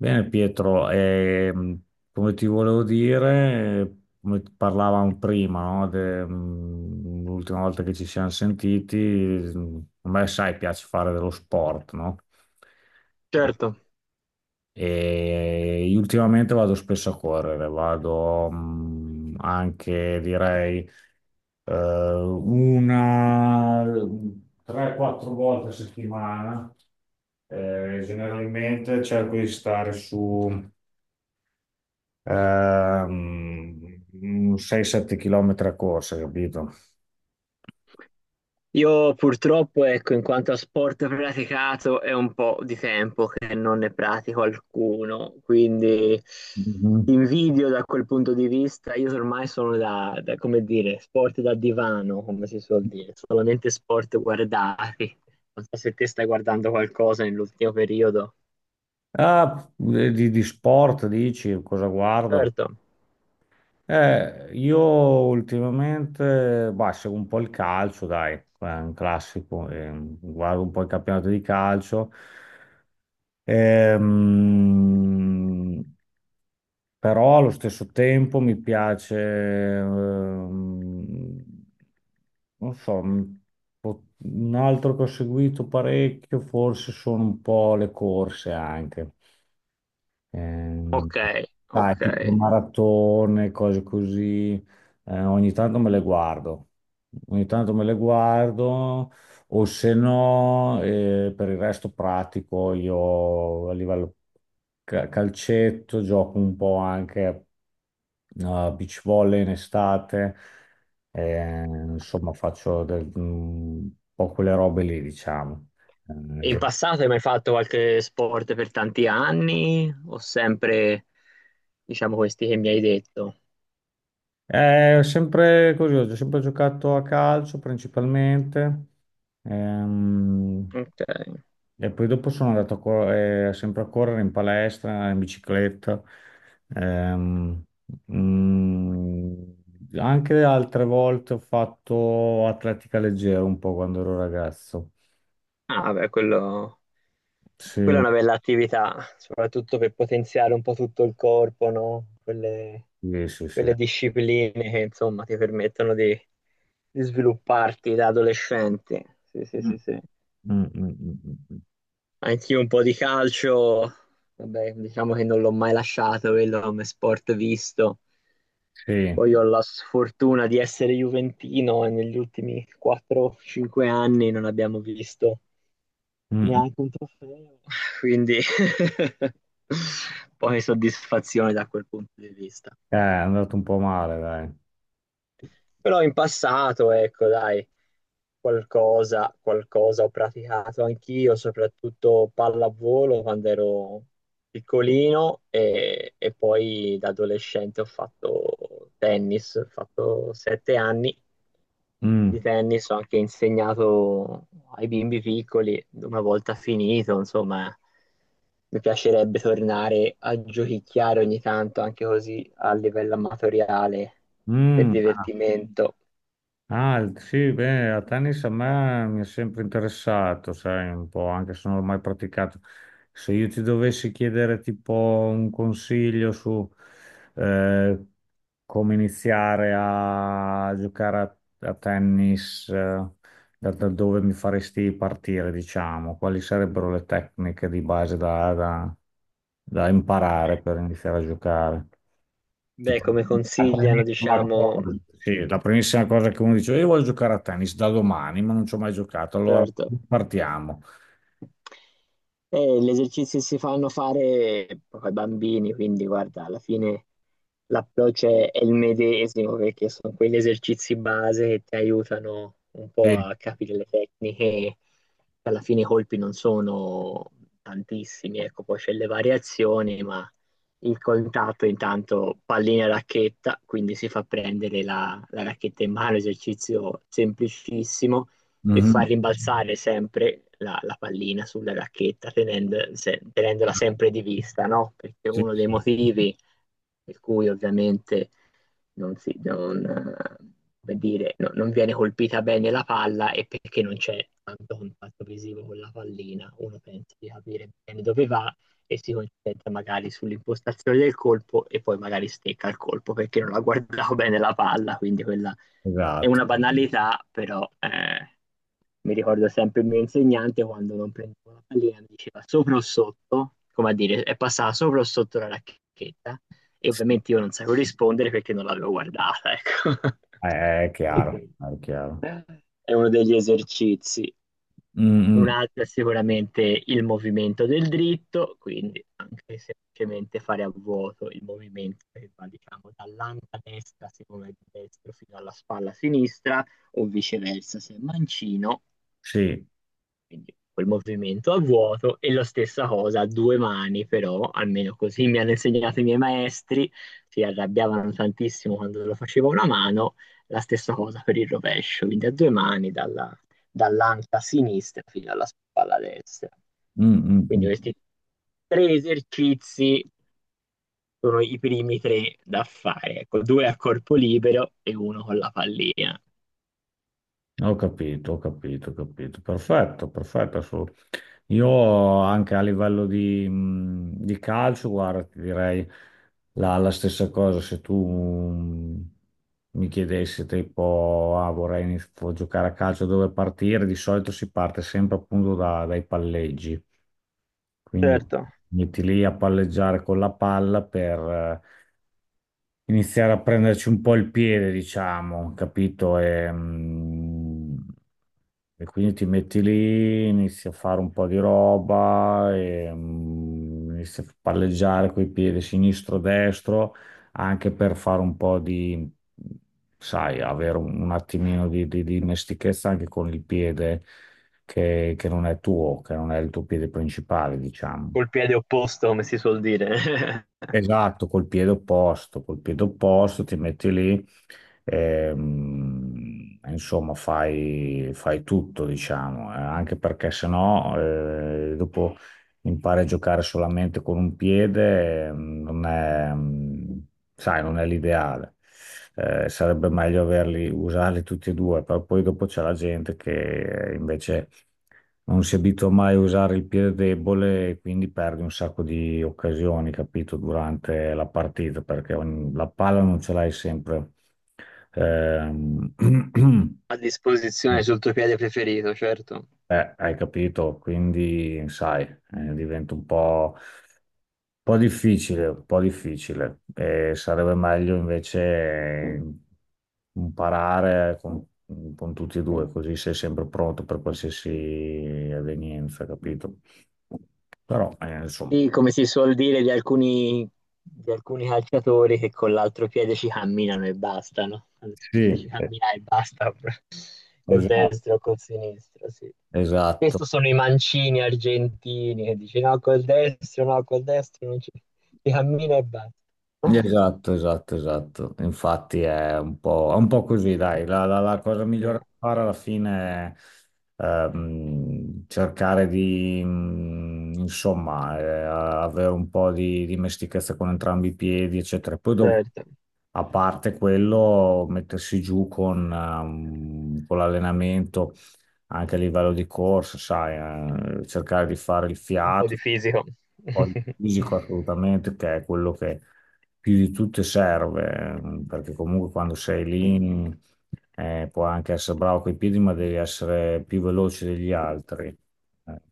Bene Pietro, come ti volevo dire, come parlavamo prima, no, l'ultima volta che ci siamo sentiti, a me sai piace fare dello sport, no? E, Certo, e io ultimamente vado spesso a correre, vado anche direi una 3-4 volte a settimana. Generalmente cerco di stare su ehm, 6-7 km a corsa, capito? io purtroppo, ecco, in quanto a sport praticato, è un po' di tempo che non ne pratico alcuno, quindi Mhm. invidio da quel punto di vista. Io ormai sono da, come dire, sport da divano, come si suol dire, solamente sport guardati. Non so se te stai guardando qualcosa nell'ultimo periodo. Ah, di sport dici, cosa guardo? Certo, Io ultimamente, bah, seguo un po' il calcio, dai, è un classico, guardo un po' il campionato di calcio. Ehm, Però allo stesso tempo mi piace, ehm, non so, un altro che ho seguito parecchio, forse sono un po' le corse anche. Ehm, ok, ok. Dai, tipo maratone, cose così, ogni tanto me le guardo, ogni tanto me le guardo, o se no, per il resto pratico io a livello calcetto, gioco un po' anche a beach volley in estate, insomma faccio un po' quelle robe lì, diciamo. Eh, E in passato hai mai fatto qualche sport per tanti anni o sempre, diciamo, questi che mi hai detto? È sempre così, ho sempre giocato a calcio principalmente, ehm, Ok. e poi dopo sono andato sempre a correre in palestra, in bicicletta, ehm, mm, anche altre volte ho fatto atletica leggera un po' quando ero ragazzo. Ah, beh, quello, quella è Sì, una bella attività, soprattutto per potenziare un po' tutto il corpo, no? Quelle, sì, sì, sì. quelle discipline che, insomma, ti permettono di svilupparti da adolescente. Sì, sì, Mm. sì, sì. Mm, mm, mm, mm. Anch'io un po' di calcio, vabbè, diciamo che non l'ho mai lasciato, quello come sport visto. Sì. Poi ho la sfortuna di essere juventino e negli ultimi 4-5 anni non abbiamo visto Mm, mm. neanche un trofeo, quindi poi soddisfazione da quel punto di vista. È andato un po' male, dai. Però in passato, ecco, dai, qualcosa, qualcosa ho praticato anch'io, soprattutto pallavolo quando ero piccolino e poi da adolescente ho fatto tennis, ho fatto sette anni di Mm. tennis, ho anche insegnato ai bimbi piccoli, una volta finito, insomma, mi piacerebbe tornare a giochicchiare ogni tanto, anche così a livello amatoriale, per Mm. divertimento. Ah, sì, beh, a tennis a me mi è sempre interessato, sai, un po', anche se non l'ho mai praticato. Se io ti dovessi chiedere tipo un consiglio su eh, come iniziare a giocare a tennis, da dove mi faresti partire, diciamo, quali sarebbero le tecniche di base da imparare per iniziare a giocare? Beh, Tipo, come la consigliano, primissima diciamo, cosa, sì, la primissima cosa che uno dice, io voglio giocare a tennis da domani, ma non ci ho mai giocato, allora certo. partiamo. Gli esercizi si fanno fare proprio ai bambini, quindi guarda, alla fine l'approccio è il medesimo perché sono quegli esercizi base che ti aiutano un po' Sì, a capire le tecniche. Alla fine i colpi non sono tantissimi, ecco, poi c'è le variazioni, ma il contatto intanto pallina e racchetta, quindi si fa prendere la racchetta in mano, esercizio semplicissimo e mhm, far rimbalzare sempre la pallina sulla racchetta tenendola sempre di vista, no? Perché sì, uno dei sì, motivi per cui ovviamente non si, non, come dire, non viene colpita bene la palla e perché non c'è tanto contatto visivo con la pallina, uno pensa di capire bene dove va e si concentra magari sull'impostazione del colpo e poi magari stecca il colpo perché non ha guardato bene la palla, quindi quella è esatto. una banalità, però mi ricordo sempre il mio insegnante quando non prendevo la pallina mi diceva sopra o sotto, come a dire, è passata sopra o sotto la racchetta e Sì, ovviamente io non sapevo rispondere perché non l'avevo guardata, ecco. È, è chiaro, è chiaro. È uno degli esercizi. Mm, Un mm, altro è sicuramente il movimento del dritto, quindi anche semplicemente fare a vuoto il movimento che va, diciamo, dall'anta destra, secondo il destro, fino alla spalla sinistra, o viceversa, se è mancino. sì, Quindi quel movimento a vuoto e la stessa cosa a due mani, però almeno così mi hanno insegnato i miei maestri, si arrabbiavano tantissimo quando lo facevo a una mano, la stessa cosa per il rovescio, quindi a due mani dall'anca sinistra fino alla spalla destra. mm, mm, Quindi mm. questi tre esercizi sono i primi tre da fare, ecco, due a corpo libero e uno con la pallina. Ho capito, ho capito, ho capito. Perfetto, perfetto, assolutamente. Io anche a livello di calcio, guarda, ti direi la stessa cosa. Se tu mi chiedessi tipo, ah, giocare a calcio, dove partire? Di solito si parte sempre appunto dai palleggi. Quindi Certo, metti lì a palleggiare con la palla per iniziare a prenderci un po' il piede, diciamo, capito? E quindi ti metti lì, inizi a fare un po' di roba, inizi a palleggiare coi piedi sinistro-destro, anche per fare un po' di, sai, avere un attimino di dimestichezza anche con il piede che non è tuo, che non è il tuo piede principale, diciamo. col piede opposto, come si suol dire. Esatto, col piede opposto ti metti lì, insomma, fai, fai tutto, diciamo, anche perché sennò dopo impari a giocare solamente con un piede, non è, mm, sai, non è l'ideale. Sarebbe meglio averli, usarli tutti e due, però poi dopo c'è la gente che invece non si abitua mai a usare il piede debole e quindi perdi un sacco di occasioni, capito, durante la partita, perché la palla non ce l'hai sempre. Ehm, A disposizione sul tuo piede preferito, certo. Hai capito? Quindi, sai, diventa un po' difficile, un po' difficile. Sarebbe meglio invece eh, imparare con tutti e due, così sei sempre pronto per qualsiasi evenienza, capito? Però, insomma, Sì, come si suol dire di alcuni calciatori che con l'altro piede ci camminano e basta, no? Quando si dice sì, ci cammina e basta proprio, col esatto. destro o col sinistro, sì. Esatto. Questo sono i mancini argentini che dice no, col destro, no, col destro non ci... si cammina e basta. Esatto, esatto, esatto. Infatti è un po' così, dai. La cosa migliore Eh, da fare alla fine è cercare di, insomma, avere un po' di dimestichezza con entrambi i piedi, eccetera. Poi dopo certo. a parte quello, mettersi giù con l'allenamento anche a livello di corsa, sai, cercare di fare il Un po' di fiato, fisico. poi il fisico assolutamente, che è quello che più di tutto serve, perché comunque quando sei lì puoi anche essere bravo coi piedi, ma devi essere più veloce degli altri, eh,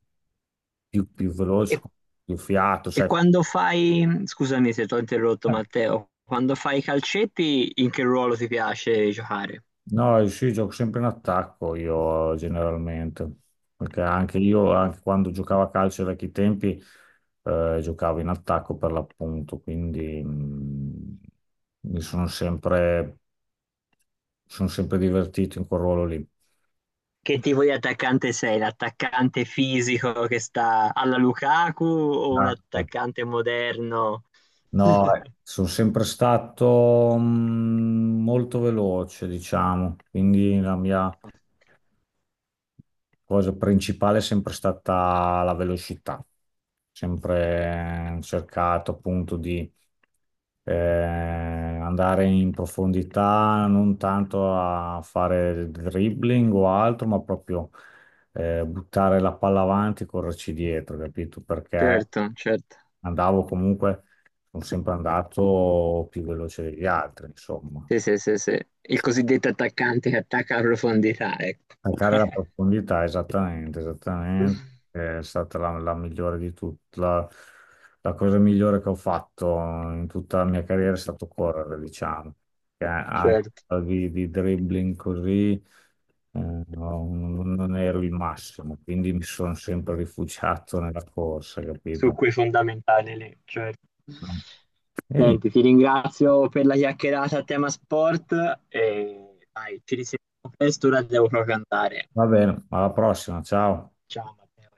più E, veloce, più fiato, e sai. quando fai, scusami se ti ho interrotto Matteo, quando fai i calcetti in che ruolo ti piace giocare? No, sì, gioco sempre in attacco io generalmente, perché anche io, anche quando giocavo a calcio ai vecchi tempi, giocavo in attacco per l'appunto, quindi mi sono sempre, sono sempre divertito in quel ruolo lì. Che tipo di attaccante sei? L'attaccante fisico che sta alla Lukaku o un Ah, attaccante moderno? no, sono sempre stato molto veloce, diciamo, quindi la mia cosa principale è sempre stata la velocità, sempre cercato appunto di andare in profondità, non tanto a fare dribbling o altro, ma proprio buttare la palla avanti e correrci dietro, capito? Perché Certo, certo. andavo comunque, sono sempre andato più veloce degli altri, insomma. Sì, sì, sì, sì. Il cosiddetto attaccante che attacca a profondità, ecco. Cercare la profondità, esattamente, esattamente. È stata la migliore di tutte. La cosa migliore che ho fatto in tutta la mia carriera è stato correre, diciamo. Che anche Certo, di dribbling così, no, non ero il massimo, quindi mi sono sempre rifugiato nella corsa, su capito? quei fondamentali lì, certo. E niente, Senti, ti ringrazio per la chiacchierata a tema sport e dai, ci risentiamo presto, ora devo proprio andare. va bene, alla prossima, ciao. Ciao Matteo.